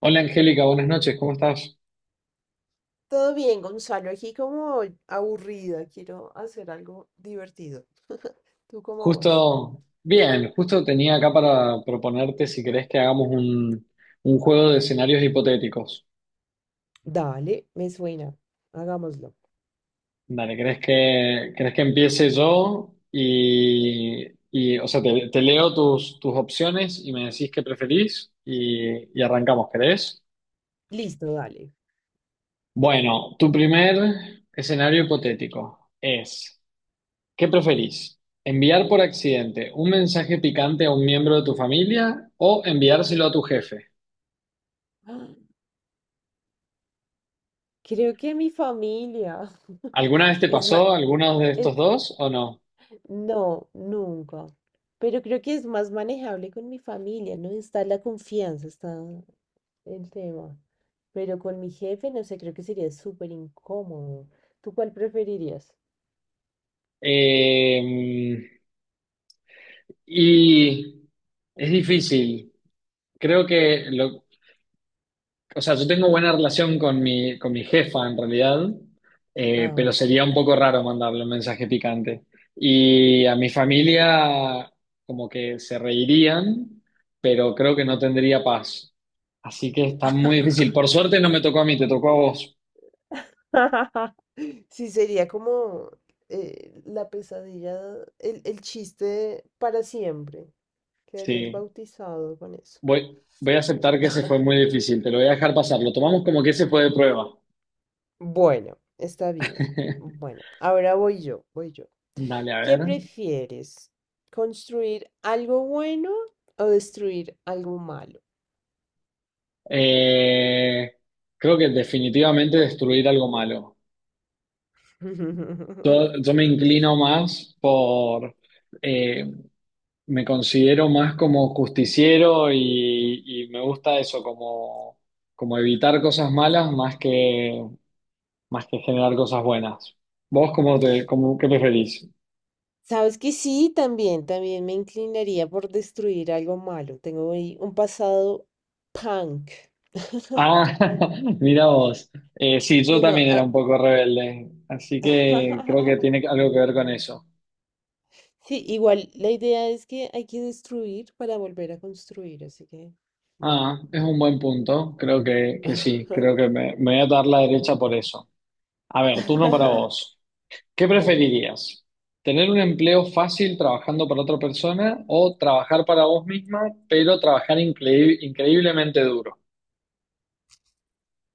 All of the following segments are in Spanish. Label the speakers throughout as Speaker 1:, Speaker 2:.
Speaker 1: Hola Angélica, buenas noches, ¿cómo estás?
Speaker 2: Todo bien, Gonzalo. Aquí como aburrida, quiero hacer algo divertido. ¿Tú cómo vas?
Speaker 1: Justo, bien, justo tenía acá para proponerte si querés que hagamos un juego de escenarios hipotéticos.
Speaker 2: Dale, me suena. Hagámoslo.
Speaker 1: Dale, querés que empiece yo? O sea, te leo tus opciones y me decís qué preferís y arrancamos, ¿querés?
Speaker 2: Listo, dale.
Speaker 1: Bueno, tu primer escenario hipotético es... ¿Qué preferís? ¿Enviar por accidente un mensaje picante a un miembro de tu familia o enviárselo a tu jefe?
Speaker 2: ¡Ah! Creo que mi familia
Speaker 1: ¿Alguna vez te
Speaker 2: es más.
Speaker 1: pasó alguno de estos dos o no?
Speaker 2: No, nunca. Pero creo que es más manejable con mi familia, ¿no? Está la confianza, está el tema. Pero con mi jefe, no sé, creo que sería súper incómodo. ¿Tú cuál preferirías?
Speaker 1: Eh, y es difícil. Creo que lo, o sea, yo tengo buena relación con con mi jefa en realidad,
Speaker 2: Ah.
Speaker 1: pero sería un poco raro mandarle un mensaje picante. Y a mi familia como que se reirían, pero creo que no tendría paz. Así que está muy difícil. Por suerte no me tocó a mí, te tocó a vos.
Speaker 2: Sí, sería como la pesadilla, el chiste para siempre. Quedarías
Speaker 1: Sí,
Speaker 2: bautizado con eso.
Speaker 1: voy a aceptar que ese fue muy difícil, te lo voy a dejar pasar. Lo tomamos como que ese fue de prueba.
Speaker 2: Bueno, está bien. Bueno, ahora voy yo, voy yo.
Speaker 1: Dale, a
Speaker 2: ¿Qué
Speaker 1: ver.
Speaker 2: prefieres? ¿Construir algo bueno o destruir algo malo?
Speaker 1: Eh, Creo que definitivamente destruir algo malo. Yo me inclino más por, eh, me considero más como justiciero y me gusta eso, como, como evitar cosas malas más más que generar cosas buenas. ¿Vos cómo te, cómo, qué preferís?
Speaker 2: Sabes que sí, también me inclinaría por destruir algo malo. Tengo ahí un pasado punk.
Speaker 1: Ah, mira vos. Sí, yo
Speaker 2: Sí, no,
Speaker 1: también era un poco rebelde, así que creo que tiene algo que ver con eso.
Speaker 2: Sí, igual la idea es que hay que destruir para volver a construir, así que, bueno.
Speaker 1: Ah, es un buen punto, creo que sí, creo que me voy a dar la derecha por eso. A ver, turno para vos. ¿Qué
Speaker 2: Dale.
Speaker 1: preferirías? ¿Tener un empleo fácil trabajando para otra persona o trabajar para vos misma, pero trabajar increíblemente duro?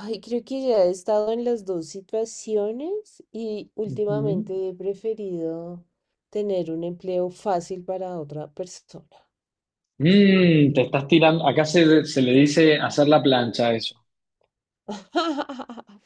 Speaker 2: Ay, creo que ya he estado en las dos situaciones y
Speaker 1: Ujú.
Speaker 2: últimamente he preferido tener un empleo fácil para otra persona.
Speaker 1: Mm, te estás tirando, acá se le dice hacer la plancha a eso.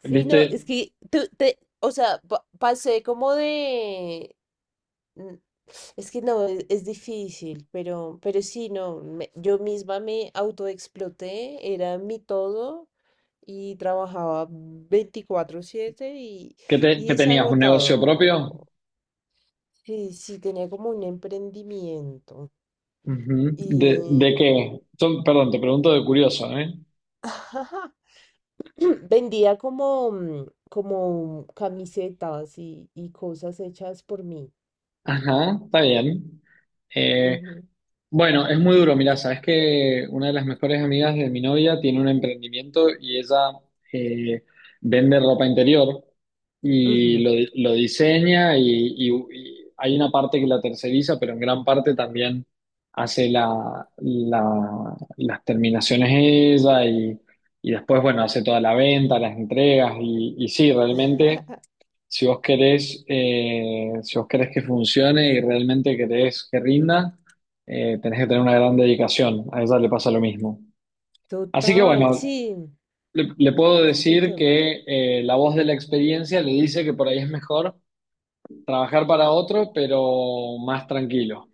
Speaker 2: Sí, no,
Speaker 1: ¿Viste
Speaker 2: es que tú te, o sea, pasé como de, mm, es que no, es difícil, pero sí, no, yo misma me autoexploté, era mi todo y trabajaba 24/7 y,
Speaker 1: que, te-
Speaker 2: y
Speaker 1: que
Speaker 2: es
Speaker 1: tenías un negocio propio?
Speaker 2: agotado. Sí, sí, tenía como un emprendimiento
Speaker 1: Ujú. De
Speaker 2: y,
Speaker 1: qué? Yo, perdón, te pregunto de curioso, ¿eh?
Speaker 2: vendía como, como camisetas y cosas hechas por mí.
Speaker 1: Ajá, está bien. Eh,
Speaker 2: Ujú,
Speaker 1: Bueno, es muy duro, mirá, sabes que una de las mejores amigas de mi novia tiene un emprendimiento y ella eh, vende ropa interior y
Speaker 2: ujú.
Speaker 1: lo, di- lo diseña y hay una parte que la terceriza, pero en gran parte también hace la, la- las terminaciones ella y después, bueno, hace toda la venta, las entregas y sí, realmente. Si vos querés, si vos querés que funcione y realmente querés que rinda, tenés que tener una gran dedicación. A ella le pasa lo mismo. Así que
Speaker 2: Total,
Speaker 1: bueno,
Speaker 2: sí,
Speaker 1: le puedo
Speaker 2: ese es el
Speaker 1: decir
Speaker 2: tema.
Speaker 1: que la voz de la experiencia le dice que por ahí es mejor trabajar para otro, pero más tranquilo.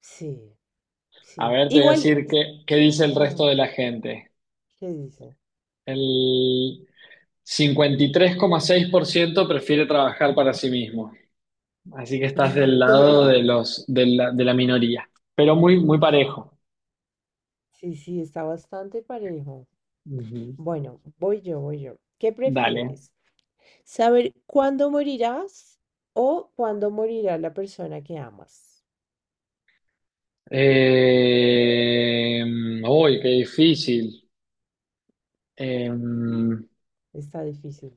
Speaker 2: Sí,
Speaker 1: A
Speaker 2: sí.
Speaker 1: ver, te voy a
Speaker 2: Igual,
Speaker 1: decir qué, qué dice el resto
Speaker 2: ah,
Speaker 1: de la gente.
Speaker 2: ¿qué dice?
Speaker 1: El 53,6% prefiere trabajar para sí mismo. Así que estás del lado de la minoría, pero muy, muy parejo.
Speaker 2: Sí, sí, está bastante parejo.
Speaker 1: Ujú.
Speaker 2: Bueno, voy yo, voy yo. ¿Qué
Speaker 1: Dale.
Speaker 2: prefieres? ¿Saber cuándo morirás o cuándo morirá la persona que amas?
Speaker 1: Eh, uy, qué difícil. Eh,
Speaker 2: Está difícil.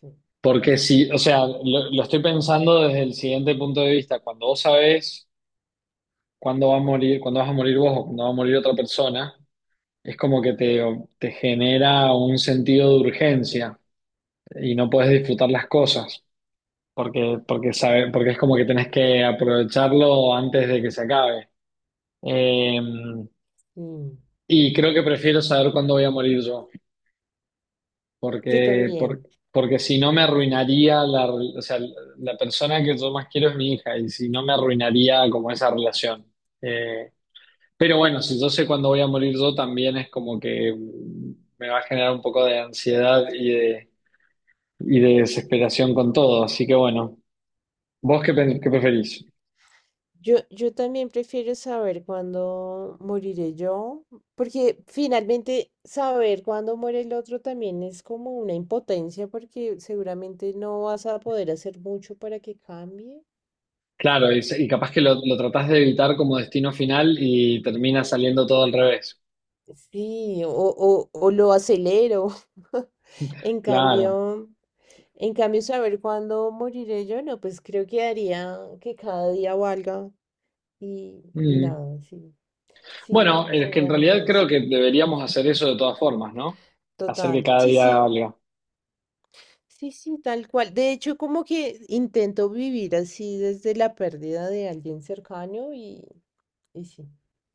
Speaker 2: Sí.
Speaker 1: Porque si, o sea, lo estoy pensando desde el siguiente punto de vista. Cuando vos sabés cuándo va a morir, cuándo vas a morir vos o cuándo va a morir otra persona, es como que te genera un sentido de urgencia y no puedes disfrutar las cosas. Porque es como que tenés que aprovecharlo antes de que se acabe. Eh,
Speaker 2: Mm,
Speaker 1: y creo que prefiero saber cuándo voy a morir yo,
Speaker 2: Yo
Speaker 1: porque, por-
Speaker 2: también.
Speaker 1: porque si no me arruinaría la, re- o sea, la persona que yo más quiero es mi hija, y si no me arruinaría como esa relación. Eh, pero bueno, si yo sé cuándo voy a morir yo, también es como que me va a generar un poco de ansiedad y de desesperación con todo. Así que bueno, ¿vos qué, pe- qué preferís?
Speaker 2: Yo también prefiero saber cuándo moriré yo, porque finalmente saber cuándo muere el otro también es como una impotencia, porque seguramente no vas a poder hacer mucho para que cambie.
Speaker 1: Claro, y capaz que lo tratás de evitar como destino final y termina saliendo todo al revés.
Speaker 2: Sí, o lo acelero. En
Speaker 1: Claro.
Speaker 2: cambio, saber cuándo moriré yo, no, pues creo que haría que cada día valga y
Speaker 1: Mm.
Speaker 2: nada, sí, sí,
Speaker 1: Bueno, es que en
Speaker 2: seguramente
Speaker 1: realidad creo
Speaker 2: eso.
Speaker 1: que deberíamos hacer eso de todas formas, ¿no? Hacer que
Speaker 2: Total,
Speaker 1: cada
Speaker 2: sí,
Speaker 1: día
Speaker 2: sí.
Speaker 1: valga.
Speaker 2: Sí, sí, tal cual. De hecho, como que intento vivir así desde la pérdida de alguien cercano y sí,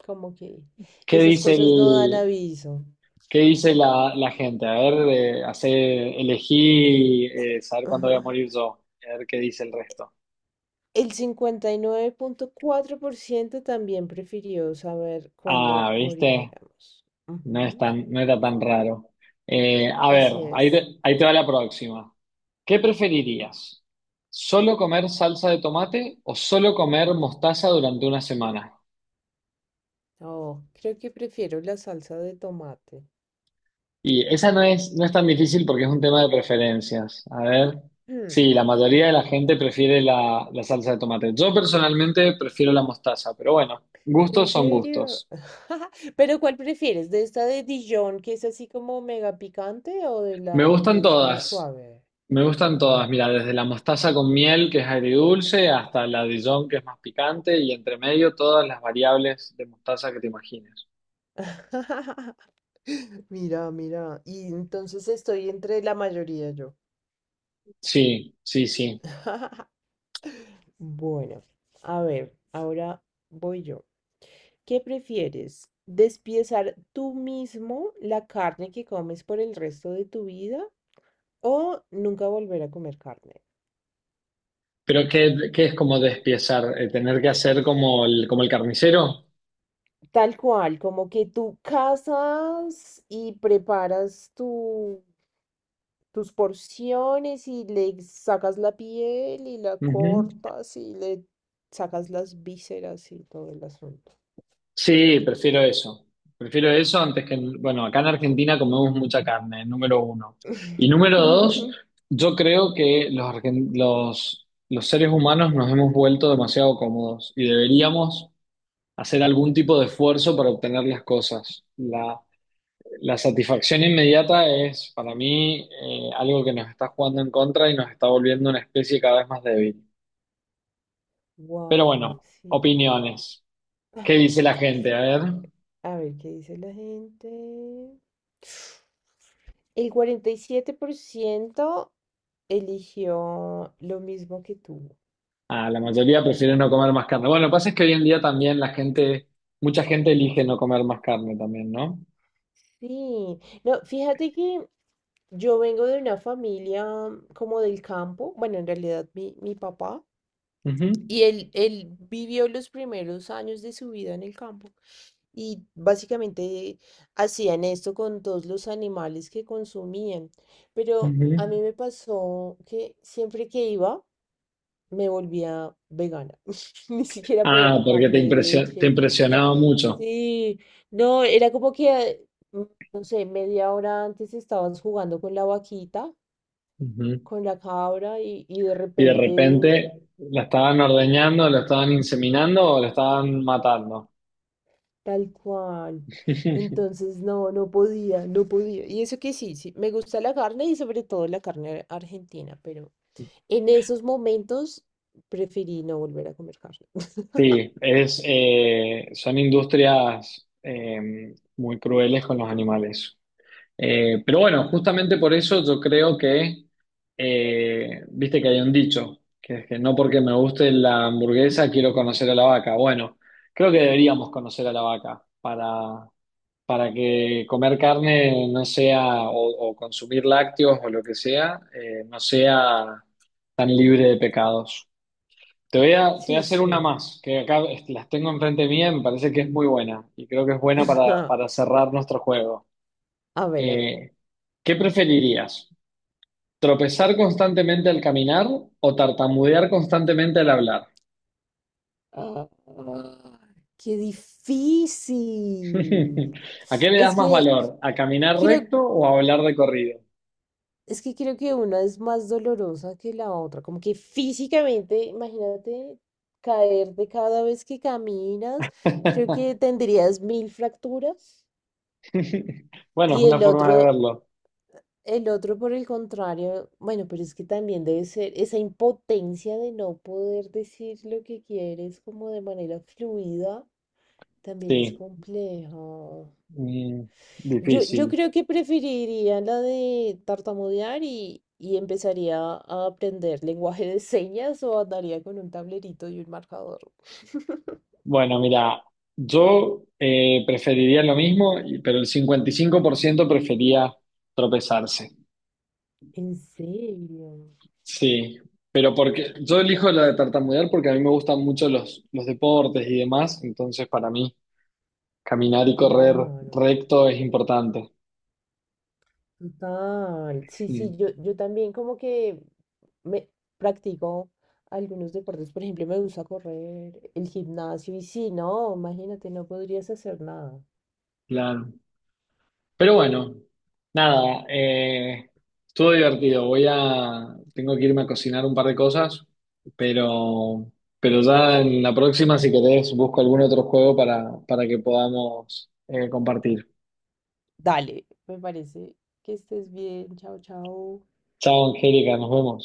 Speaker 2: como que
Speaker 1: ¿Qué
Speaker 2: esas
Speaker 1: dice
Speaker 2: cosas no dan aviso.
Speaker 1: qué dice la gente? A ver, elegí saber cuándo voy a morir yo. A ver qué dice el resto.
Speaker 2: El 59,4% también prefirió saber
Speaker 1: Ah,
Speaker 2: cuándo
Speaker 1: ¿viste?
Speaker 2: moriremos.
Speaker 1: No es
Speaker 2: Ujú,
Speaker 1: no era tan raro. A ver,
Speaker 2: así es.
Speaker 1: ahí te va la próxima. ¿Qué preferirías? ¿Solo comer salsa de tomate o solo comer mostaza durante una semana?
Speaker 2: Oh, creo que prefiero la salsa de tomate.
Speaker 1: Y esa no no es tan difícil porque es un tema de preferencias. A ver, sí, la
Speaker 2: Mm,
Speaker 1: mayoría de la
Speaker 2: ujú.
Speaker 1: gente prefiere la salsa de tomate. Yo personalmente prefiero la mostaza, pero bueno,
Speaker 2: ¿En
Speaker 1: gustos son
Speaker 2: serio?
Speaker 1: gustos.
Speaker 2: Pero ¿cuál prefieres? ¿De esta de Dijon que es así como mega picante o de
Speaker 1: Me
Speaker 2: la
Speaker 1: gustan
Speaker 2: que es más
Speaker 1: todas.
Speaker 2: suave?
Speaker 1: Me gustan todas,
Speaker 2: Wow.
Speaker 1: mira, desde la mostaza con miel, que es agridulce, hasta la Dijon, que es más picante, y entre medio todas las variables de mostaza que te imagines.
Speaker 2: Mira, mira. Y entonces estoy entre la mayoría yo.
Speaker 1: Sí, sí, sí.
Speaker 2: Bueno, a ver, ahora voy yo. ¿Qué prefieres? ¿Despiezar tú mismo la carne que comes por el resto de tu vida o nunca volver a comer carne?
Speaker 1: Pero ¿qué, qué es como despiezar? ¿Tener que hacer como como el carnicero?
Speaker 2: Tal cual, como que tú cazas y preparas tus porciones y le sacas la piel y la
Speaker 1: Ujú.
Speaker 2: cortas y le sacas las vísceras y todo el asunto.
Speaker 1: Sí, prefiero eso. Prefiero eso antes que, bueno, acá en Argentina comemos mucha carne, número uno. Y número dos, yo creo que los seres humanos nos hemos vuelto demasiado cómodos y deberíamos hacer algún tipo de esfuerzo para obtener las cosas. La satisfacción inmediata es para mí algo que nos está jugando en contra y nos está volviendo una especie cada vez más débil. Pero
Speaker 2: Wow,
Speaker 1: bueno,
Speaker 2: sí.
Speaker 1: opiniones. ¿Qué dice la gente? A ver,
Speaker 2: A ver, ¿qué dice la gente? El 47% eligió lo mismo que tú.
Speaker 1: ah, la mayoría prefiere no comer más carne. Bueno, lo que pasa es que hoy en día también mucha gente elige no comer más carne también, ¿no?
Speaker 2: Sí, no, fíjate que yo vengo de una familia, como del campo, bueno, en realidad mi papá,
Speaker 1: Ujú,
Speaker 2: y él vivió los primeros años de su vida en el campo y básicamente hacían esto con todos los animales que consumían, pero a
Speaker 1: ujú.
Speaker 2: mí me pasó que siempre que iba, me volvía vegana. Ni siquiera podía
Speaker 1: Ah,
Speaker 2: tomar
Speaker 1: porque te
Speaker 2: leche. Ah,
Speaker 1: impresionaba mucho.
Speaker 2: sí, no, era como que, no sé, media hora antes estabas jugando con la vaquita,
Speaker 1: Ujú.
Speaker 2: con la cabra y de
Speaker 1: Y de
Speaker 2: repente,
Speaker 1: repente la estaban ordeñando, la estaban inseminando o la estaban matando.
Speaker 2: tal cual. Entonces, no, no podía, no podía. Y eso que sí, sí, me gusta la carne y sobre todo la carne argentina, pero en esos momentos preferí no volver a comer carne.
Speaker 1: Sí, son industrias muy crueles con los animales. Pero bueno, justamente por eso yo creo que viste que hay un dicho, que es que no porque me guste la hamburguesa quiero conocer a la vaca. Bueno, creo que deberíamos conocer a la vaca para que comer carne no sea, o consumir lácteos o lo que sea, no sea tan libre de pecados. Te voy a
Speaker 2: Sí,
Speaker 1: hacer una
Speaker 2: sí.
Speaker 1: más, que acá est- las tengo enfrente mía, me parece que es muy buena y creo que es buena para cerrar nuestro juego.
Speaker 2: A ver, a ver.
Speaker 1: Eh, ¿Qué preferirías? ¿Tropezar constantemente al caminar o tartamudear constantemente al hablar?
Speaker 2: Ah, qué difícil.
Speaker 1: ¿A qué le das
Speaker 2: Es
Speaker 1: más
Speaker 2: que
Speaker 1: valor? ¿A caminar
Speaker 2: creo,
Speaker 1: recto o a hablar de corrido?
Speaker 2: es que creo que una es más dolorosa que la otra. Como que físicamente, imagínate caerte cada vez que caminas. Creo que tendrías mil fracturas.
Speaker 1: Bueno, es
Speaker 2: Y
Speaker 1: una
Speaker 2: el
Speaker 1: forma de
Speaker 2: otro
Speaker 1: verlo.
Speaker 2: El otro, por el contrario, bueno, pero es que también debe ser esa impotencia de no poder decir lo que quieres como de manera fluida, también es
Speaker 1: Sí,
Speaker 2: complejo.
Speaker 1: mm,
Speaker 2: Yo
Speaker 1: difícil.
Speaker 2: creo que preferiría la de tartamudear y empezaría a aprender lenguaje de señas o andaría con un tablerito y un marcador.
Speaker 1: Bueno, mira, yo preferiría lo mismo, y- pero el 55% prefería tropezarse.
Speaker 2: En serio,
Speaker 1: Sí, pero porque yo elijo la de tartamudear porque a mí me gustan mucho los deportes y demás, entonces para mí caminar y correr
Speaker 2: claro.
Speaker 1: recto es importante.
Speaker 2: Total, sí,
Speaker 1: Mm,
Speaker 2: sí, yo también como que me practico algunos deportes, por ejemplo, me gusta correr, el gimnasio, y sí, no, imagínate, no podrías hacer nada.
Speaker 1: claro. Pero bueno, nada, estuvo divertido. Voy a, tengo que irme a cocinar un par de cosas, pero, pero ya en la próxima, si querés, busco algún otro juego para que podamos compartir.
Speaker 2: Dale, me parece que estés bien, chao, chao.
Speaker 1: Chao, Angélica, nos vemos.